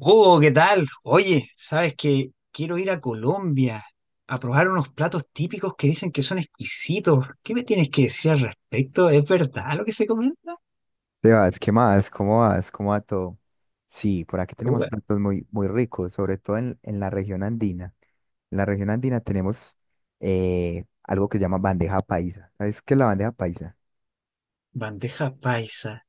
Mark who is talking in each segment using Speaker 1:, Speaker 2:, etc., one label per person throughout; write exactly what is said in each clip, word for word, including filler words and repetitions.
Speaker 1: Oh, ¿qué tal? Oye, ¿sabes que quiero ir a Colombia a probar unos platos típicos que dicen que son exquisitos? ¿Qué me tienes que decir al respecto? ¿Es verdad lo que se comenta?
Speaker 2: Sebas, ¿qué más? ¿Cómo vas? ¿Cómo va todo? Sí, por aquí tenemos
Speaker 1: Uy,
Speaker 2: platos muy, muy ricos, sobre todo en, en la región andina. En la región andina tenemos eh, algo que se llama bandeja paisa. ¿Sabes qué es la bandeja paisa?
Speaker 1: bandeja paisa.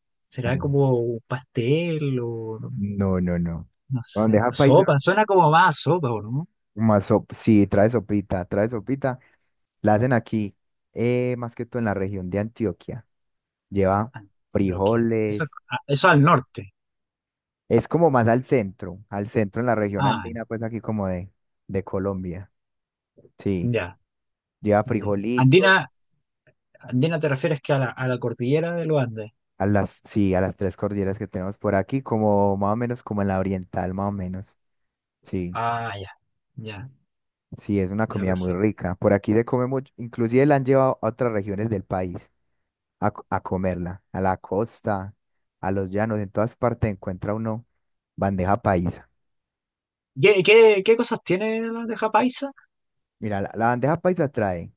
Speaker 2: Ah,
Speaker 1: ¿Será como un pastel o
Speaker 2: no, no, no.
Speaker 1: no sé?
Speaker 2: Bandeja paisa,
Speaker 1: Sopa, suena como más a sopa, ¿o no?
Speaker 2: más sop- sí, trae sopita, trae sopita. La hacen aquí, eh, más que todo en la región de Antioquia. Lleva
Speaker 1: Antioquia. Eso,
Speaker 2: frijoles.
Speaker 1: ah, eso al norte.
Speaker 2: Es como más al centro, al centro en la región
Speaker 1: Ah,
Speaker 2: andina, pues aquí como de, de Colombia. Sí,
Speaker 1: ya,
Speaker 2: lleva
Speaker 1: ya.
Speaker 2: frijolitos
Speaker 1: Andina, andina te refieres que a la, a la cordillera de los Andes.
Speaker 2: a las, sí, a las tres cordilleras que tenemos por aquí, como más o menos como en la oriental, más o menos. Sí,
Speaker 1: Ah, ya, ya,
Speaker 2: sí, es una
Speaker 1: ya,
Speaker 2: comida muy
Speaker 1: perfecto.
Speaker 2: rica. Por aquí se come mucho, inclusive la han llevado a otras regiones del país a, co- a comerla, a la costa, a los llanos, en todas partes encuentra uno bandeja paisa.
Speaker 1: ¿Qué, qué, qué cosas tiene la bandeja paisa?
Speaker 2: Mira, la, la bandeja paisa trae,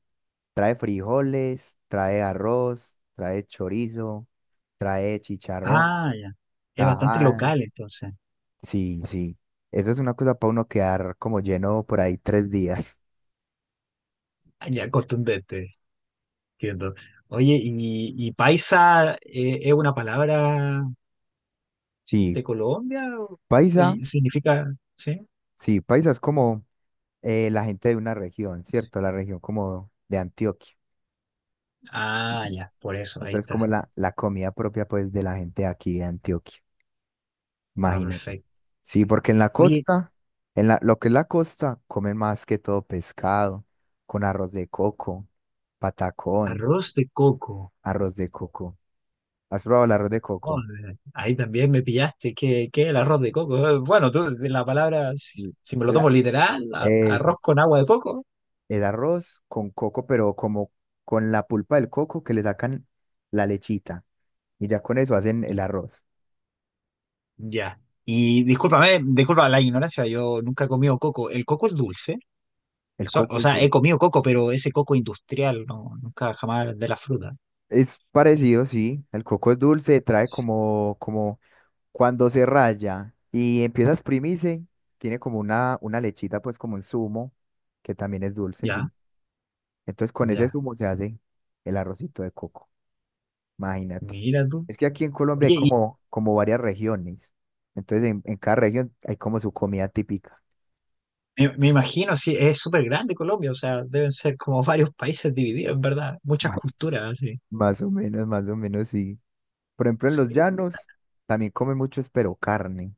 Speaker 2: trae frijoles, trae arroz, trae chorizo, trae chicharrón,
Speaker 1: Ah, ya. Es bastante
Speaker 2: tajada.
Speaker 1: local, entonces.
Speaker 2: Sí, sí. Eso es una cosa para uno quedar como lleno por ahí tres días.
Speaker 1: Ah, ya, contundente, entiendo. Oye, ¿y, y paisa eh, es una palabra
Speaker 2: Sí,
Speaker 1: de Colombia? O- o-
Speaker 2: paisa,
Speaker 1: y significa, ¿sí?
Speaker 2: sí, paisa es como eh, la gente de una región, ¿cierto? La región como de Antioquia.
Speaker 1: Ah, ya, por eso, ahí
Speaker 2: Entonces, como
Speaker 1: está.
Speaker 2: la, la comida propia, pues, de la gente aquí de Antioquia.
Speaker 1: Ah,
Speaker 2: Imagínate.
Speaker 1: perfecto.
Speaker 2: Sí, porque en la
Speaker 1: Oye,
Speaker 2: costa, en la, lo que es la costa, comen más que todo pescado, con arroz de coco, patacón,
Speaker 1: arroz de coco.
Speaker 2: arroz de coco. ¿Has probado el arroz de
Speaker 1: Oh,
Speaker 2: coco?
Speaker 1: ahí también me pillaste. ¿Qué, qué es el arroz de coco? Eh, Bueno, tú, de la palabra, si
Speaker 2: Sí.
Speaker 1: si me lo
Speaker 2: El
Speaker 1: tomo literal, a-
Speaker 2: eso.
Speaker 1: arroz con agua de coco.
Speaker 2: Es arroz con coco, pero como con la pulpa del coco que le sacan la lechita. Y ya con eso hacen el arroz.
Speaker 1: Ya. Y discúlpame, disculpa la ignorancia, yo nunca he comido coco. ¿El coco es dulce?
Speaker 2: El
Speaker 1: So-
Speaker 2: coco
Speaker 1: o
Speaker 2: es
Speaker 1: sea, he
Speaker 2: dulce.
Speaker 1: comido coco, pero ese coco industrial, no, nunca jamás de la fruta.
Speaker 2: Es parecido, sí. El coco es dulce, trae como, como cuando se raya y empieza a exprimirse, tiene como una, una lechita, pues como un zumo, que también es dulce,
Speaker 1: Ya,
Speaker 2: sí. Entonces con ese
Speaker 1: ya.
Speaker 2: zumo se hace el arrocito de coco. Imagínate.
Speaker 1: Mira tú.
Speaker 2: Es que aquí en Colombia hay
Speaker 1: Oye, y
Speaker 2: como, como varias regiones. Entonces en en cada región hay como su comida típica.
Speaker 1: me, me imagino, sí, es súper grande Colombia, o sea, deben ser como varios países divididos, en verdad, muchas
Speaker 2: Más,
Speaker 1: culturas, así.
Speaker 2: más o menos, más o menos, sí. Por ejemplo, en los
Speaker 1: Sí.
Speaker 2: llanos también comen mucho, es pero carne,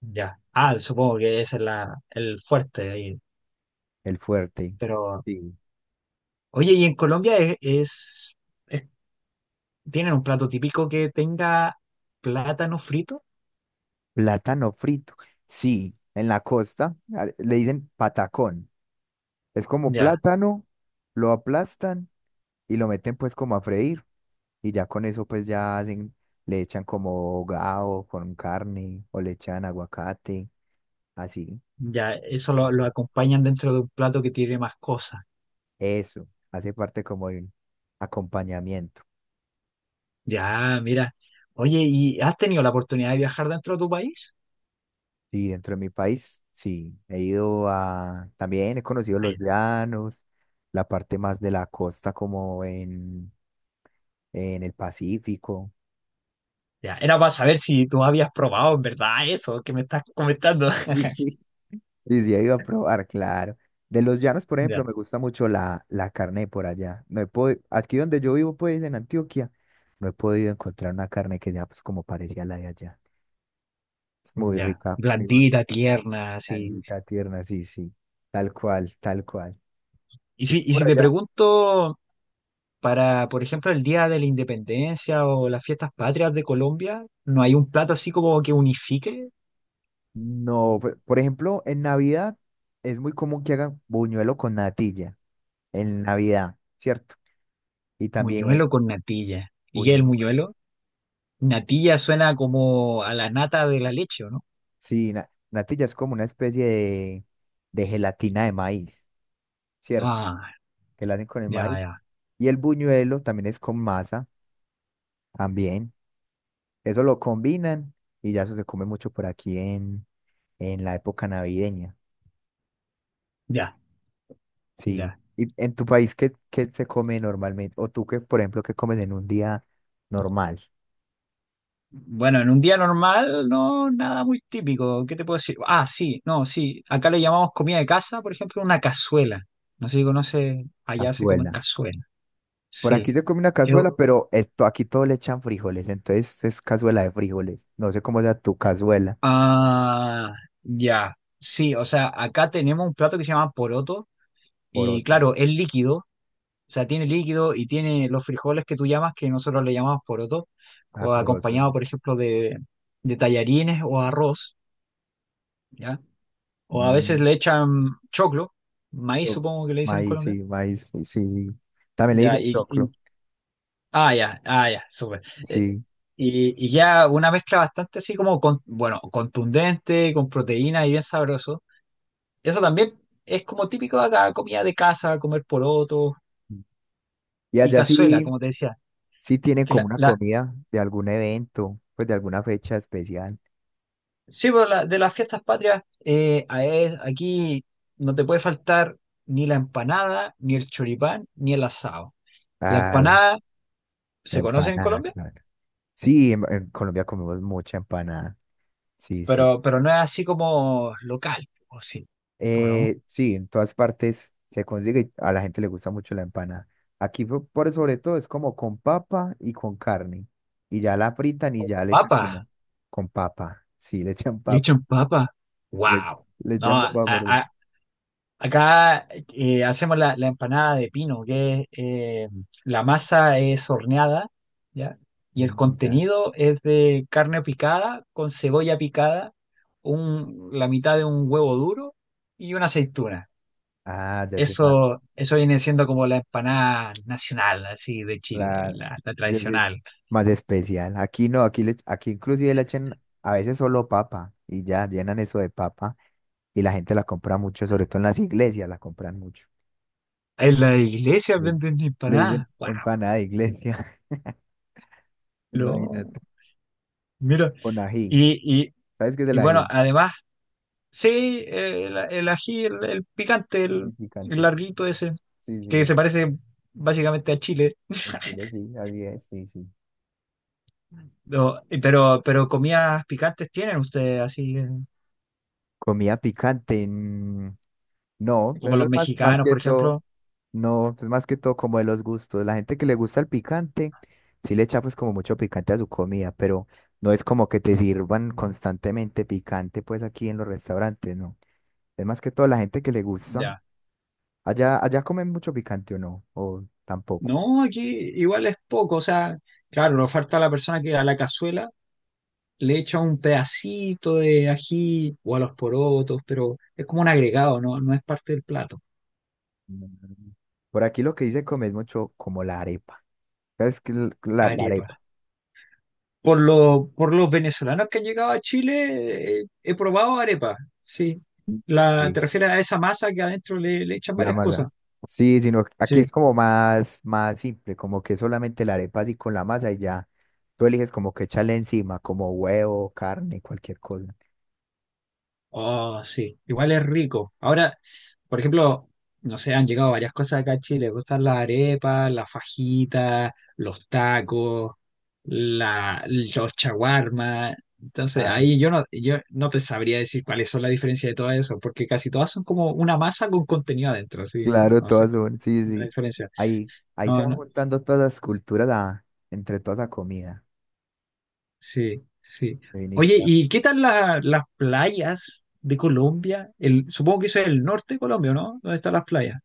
Speaker 1: Ya. Ah, supongo que ese es la, el fuerte ahí.
Speaker 2: el fuerte.
Speaker 1: Pero,
Speaker 2: Sí.
Speaker 1: oye, ¿y en Colombia es, es, es- tienen un plato típico que tenga plátano frito?
Speaker 2: Plátano frito. Sí, en la costa a- le dicen patacón. Es como
Speaker 1: Ya,
Speaker 2: plátano, lo aplastan y lo meten pues como a freír. Y ya con eso pues ya hacen, le echan como gao con carne o le echan aguacate, así.
Speaker 1: ya, eso lo,
Speaker 2: Ujú.
Speaker 1: lo acompañan dentro de un plato que tiene más cosas.
Speaker 2: Eso, hace parte como de un acompañamiento.
Speaker 1: Ya, mira. Oye, ¿y has tenido la oportunidad de viajar dentro de tu país?
Speaker 2: Sí, dentro de mi país, sí, he ido a, también he conocido
Speaker 1: Ah,
Speaker 2: los
Speaker 1: ya,
Speaker 2: llanos, la parte más de la costa como en, en el Pacífico.
Speaker 1: ya. Era para saber si tú habías probado en verdad eso que me estás comentando.
Speaker 2: Sí, sí, sí, sí, he ido a probar, claro. De los llanos, por ejemplo,
Speaker 1: Ya,
Speaker 2: me gusta mucho la, la carne de por allá. No he podi- Aquí donde yo vivo, pues, en Antioquia, no he podido encontrar una carne que sea, pues, como parecía la de allá. Es muy
Speaker 1: ya.
Speaker 2: rica, pero
Speaker 1: Blandita, tierna, así.
Speaker 2: blandita, tierna, sí, sí, tal cual, tal cual.
Speaker 1: Y
Speaker 2: ¿Y
Speaker 1: si,
Speaker 2: tú
Speaker 1: y
Speaker 2: por
Speaker 1: si te
Speaker 2: allá?
Speaker 1: pregunto, para, por ejemplo, el Día de la Independencia o las fiestas patrias de Colombia, ¿no hay un plato así como que unifique?
Speaker 2: No, pe- Por ejemplo, en Navidad es muy común que hagan buñuelo con natilla, en Navidad, ¿cierto? Y también
Speaker 1: Muñuelo con natilla. ¿Y el
Speaker 2: buñuelo con natilla.
Speaker 1: muñuelo? Natilla suena como a la nata de la leche, ¿o no?
Speaker 2: Sí, na- natilla es como una especie de, de gelatina de maíz, ¿cierto?
Speaker 1: Ah,
Speaker 2: Que la hacen con el
Speaker 1: ya,
Speaker 2: maíz.
Speaker 1: ya,
Speaker 2: Y el buñuelo también es con masa, también. Eso lo combinan y ya eso se come mucho por aquí en, en la época navideña.
Speaker 1: ya,
Speaker 2: Sí.
Speaker 1: ya.
Speaker 2: ¿Y en tu país qué, qué se come normalmente? O tú que, por ejemplo, qué comes en un día normal,
Speaker 1: Bueno, en un día normal, no, nada muy típico. ¿Qué te puedo decir? Ah, sí, no, sí. Acá le llamamos comida de casa, por ejemplo, una cazuela. No sé si conoce, allá se come
Speaker 2: cazuela.
Speaker 1: cazuela.
Speaker 2: Por aquí
Speaker 1: Sí.
Speaker 2: se come una
Speaker 1: Eu-
Speaker 2: cazuela, pero esto aquí todo le echan frijoles, entonces es cazuela de frijoles. No sé cómo sea tu cazuela.
Speaker 1: ah, ya. Sí, o sea, acá tenemos un plato que se llama poroto y
Speaker 2: Poroto.
Speaker 1: claro, es líquido. O sea, tiene líquido y tiene los frijoles que tú llamas, que nosotros le llamamos poroto,
Speaker 2: Ah,
Speaker 1: co-
Speaker 2: poroto,
Speaker 1: acompañado,
Speaker 2: sí.
Speaker 1: por ejemplo, de, de tallarines o arroz, ¿ya? O a veces
Speaker 2: Mm,
Speaker 1: le echan choclo, maíz
Speaker 2: cho-
Speaker 1: supongo que le dicen en
Speaker 2: maíz,
Speaker 1: Colombia,
Speaker 2: sí, maíz, sí, sí, sí. También le
Speaker 1: ¿ya?
Speaker 2: dicen
Speaker 1: Y, y-
Speaker 2: choclo,
Speaker 1: ah, ya, ah, ya, súper. Eh,
Speaker 2: sí.
Speaker 1: y, y ya una mezcla bastante así como, con, bueno, contundente, con proteína y bien sabroso. Eso también es como típico de acá, comida de casa, comer porotos
Speaker 2: Y
Speaker 1: y
Speaker 2: allá
Speaker 1: cazuela,
Speaker 2: sí,
Speaker 1: como te decía.
Speaker 2: sí tienen
Speaker 1: Que
Speaker 2: como
Speaker 1: la,
Speaker 2: una
Speaker 1: la-
Speaker 2: comida de algún evento, pues de alguna fecha especial.
Speaker 1: Sí, pues, la- de las fiestas patrias, eh, a- es- aquí no te puede faltar ni la empanada, ni el choripán, ni el asado. La
Speaker 2: Ah, la,
Speaker 1: empanada
Speaker 2: la
Speaker 1: se conoce en
Speaker 2: empanada,
Speaker 1: Colombia,
Speaker 2: claro. Sí, en, en Colombia comemos mucha empanada. Sí, sí.
Speaker 1: pero, pero no es así como local, ¿o sí? ¿O no?
Speaker 2: Eh, sí, en todas partes se consigue y a la gente le gusta mucho la empanada. Aquí po- por sobre todo es como con papa y con carne. Y ya la fritan y ya le echan
Speaker 1: Papa,
Speaker 2: como con papa. Sí, le echan
Speaker 1: le
Speaker 2: papa.
Speaker 1: echan papa.
Speaker 2: Le,
Speaker 1: ¡Wow!
Speaker 2: le echan
Speaker 1: No, a-
Speaker 2: papa por...
Speaker 1: a- Acá eh, hacemos la, la empanada de pino, que es, eh, la masa es horneada, ¿ya? Y el
Speaker 2: Mm, ya.
Speaker 1: contenido es de carne picada con cebolla picada, un, la mitad de un huevo duro y una aceituna.
Speaker 2: Ah, ya sí es más
Speaker 1: Eso, eso viene siendo como la empanada nacional, así de Chile,
Speaker 2: claro.
Speaker 1: la, la
Speaker 2: Ya sí es
Speaker 1: tradicional.
Speaker 2: más especial. Aquí no, aquí, le, aquí inclusive le echan a veces solo papa y ya llenan eso de papa y la gente la compra mucho, sobre todo en las iglesias la compran mucho.
Speaker 1: En la iglesia
Speaker 2: Le
Speaker 1: venden
Speaker 2: le
Speaker 1: empanadas.
Speaker 2: dicen
Speaker 1: ¡Wow!
Speaker 2: empanada de iglesia.
Speaker 1: Lo-
Speaker 2: Imagínate,
Speaker 1: Mira,
Speaker 2: con ají.
Speaker 1: y, y,
Speaker 2: ¿Sabes qué es
Speaker 1: y
Speaker 2: el
Speaker 1: bueno,
Speaker 2: ají?
Speaker 1: además sí, eh, el, el ají, el, el picante,
Speaker 2: Con
Speaker 1: el, el
Speaker 2: picantes.
Speaker 1: larguito ese,
Speaker 2: Sí, sí,
Speaker 1: que se
Speaker 2: es-
Speaker 1: parece básicamente a Chile.
Speaker 2: en Chile sí, así es, sí, sí.
Speaker 1: No, y pero, pero comidas picantes tienen ustedes, así eh,
Speaker 2: Comida picante. Mm, no,
Speaker 1: como
Speaker 2: eso
Speaker 1: los
Speaker 2: es más, más
Speaker 1: mexicanos,
Speaker 2: que
Speaker 1: por
Speaker 2: todo.
Speaker 1: ejemplo.
Speaker 2: No, es más que todo como de los gustos. La gente que le gusta el picante, sí le echa pues como mucho picante a su comida, pero no es como que te sirvan constantemente picante pues aquí en los restaurantes, no. Es más que todo la gente que le gusta.
Speaker 1: Ya.
Speaker 2: Allá, allá comen mucho picante o no, o tampoco.
Speaker 1: No, aquí igual es poco, o sea, claro, le oferta a la persona que a la cazuela le echa un pedacito de ají o a los porotos, pero es como un agregado, no, no es parte del plato.
Speaker 2: Mm. Por aquí lo que dice come es mucho como la arepa. Es que l- la, la
Speaker 1: Arepa.
Speaker 2: arepa.
Speaker 1: Por, lo- por los venezolanos que han llegado a Chile, eh, he probado arepa, sí. La,
Speaker 2: Sí,
Speaker 1: ¿te refieres a esa masa que adentro le, le echan
Speaker 2: la
Speaker 1: varias cosas?
Speaker 2: masa. Sí, sino que aquí
Speaker 1: Sí.
Speaker 2: es como más, más simple, como que solamente la arepa así con la masa y ya. Tú eliges como que echarle encima, como huevo, carne, cualquier cosa.
Speaker 1: Oh, sí. Igual es rico. Ahora, por ejemplo, no sé, han llegado varias cosas acá a Chile. Me gustan las arepas, las fajitas, los tacos, la, los chaguarmas. Entonces,
Speaker 2: Ah,
Speaker 1: ahí yo no, yo no te sabría decir cuáles son las diferencias de todo eso, porque casi todas son como una masa con contenido adentro, sí, no,
Speaker 2: claro,
Speaker 1: no sé
Speaker 2: todas son, sí,
Speaker 1: la
Speaker 2: sí.
Speaker 1: diferencia.
Speaker 2: Ahí, ahí se
Speaker 1: No,
Speaker 2: van
Speaker 1: no,
Speaker 2: juntando todas las culturas a- entre toda esa comida.
Speaker 1: sí, sí. Oye,
Speaker 2: Definitiva.
Speaker 1: ¿y qué tal la- las playas de Colombia? El, supongo que eso es el norte de Colombia, ¿no? ¿Dónde están las playas?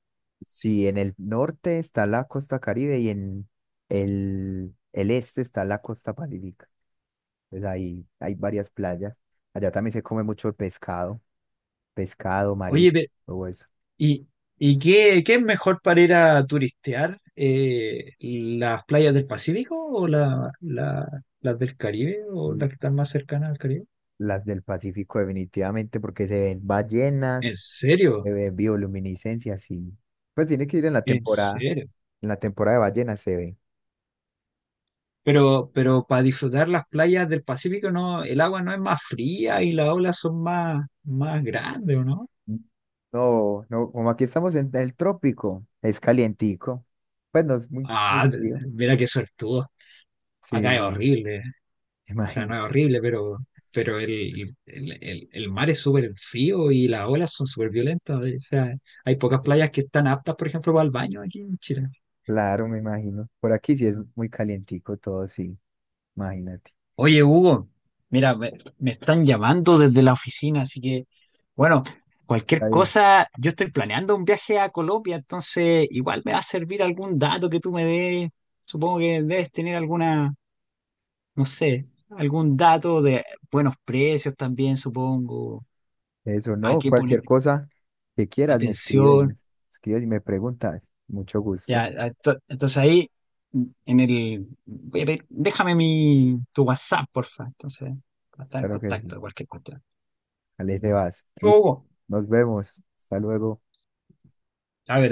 Speaker 2: Sí, en el norte está la costa Caribe y en el, el este está la costa Pacífica. Pues ahí hay varias playas. Allá también se come mucho pescado, pescado,
Speaker 1: Oye,
Speaker 2: marisco,
Speaker 1: pe-
Speaker 2: todo eso.
Speaker 1: ¿y, y qué, qué es mejor para ir a turistear? Eh, ¿las playas del Pacífico o la, la- las del Caribe o
Speaker 2: Y
Speaker 1: las que están más cercanas al Caribe?
Speaker 2: las del Pacífico definitivamente porque se ven
Speaker 1: ¿En
Speaker 2: ballenas, se
Speaker 1: serio?
Speaker 2: ven bioluminiscencias y pues tiene que ir en la
Speaker 1: ¿En
Speaker 2: temporada,
Speaker 1: serio?
Speaker 2: en la temporada de ballenas se ve.
Speaker 1: Pero, pero para disfrutar las playas del Pacífico, no, el agua no es más fría y las olas son más, más grandes, ¿o no?
Speaker 2: No, no, como aquí estamos en el trópico, es calientico. Pues no es muy, muy
Speaker 1: Ah,
Speaker 2: frío.
Speaker 1: mira qué suertudo.
Speaker 2: Sí,
Speaker 1: Acá es
Speaker 2: sí,
Speaker 1: horrible. O sea,
Speaker 2: imagino.
Speaker 1: no es horrible, pero, pero el, el, el- el mar es súper frío y las olas son súper violentas. O sea, hay pocas playas que están aptas, por ejemplo, para el baño aquí en Chile.
Speaker 2: Claro, me imagino. Por aquí sí es muy calientico todo, sí, imagínate.
Speaker 1: Oye, Hugo, mira, me, me están llamando desde la oficina, así que, bueno,
Speaker 2: Está
Speaker 1: cualquier
Speaker 2: bien.
Speaker 1: cosa, yo estoy planeando un viaje a Colombia, entonces igual me va a servir algún dato que tú me des. Supongo que debes tener alguna... no sé, algún dato de buenos precios también, supongo,
Speaker 2: Eso
Speaker 1: a
Speaker 2: no,
Speaker 1: qué poner
Speaker 2: cualquier cosa que quieras me escribes, me
Speaker 1: atención.
Speaker 2: escribes y me preguntas. Mucho
Speaker 1: Ya,
Speaker 2: gusto.
Speaker 1: a- to- entonces ahí, mm, en el, voy a pedir- déjame mi, tu WhatsApp, porfa, entonces, para estar en
Speaker 2: Claro que sí.
Speaker 1: contacto de cualquier cuestión.
Speaker 2: Ale, vas. Listo.
Speaker 1: Hugo,
Speaker 2: Nos vemos. Hasta luego.
Speaker 1: a ver,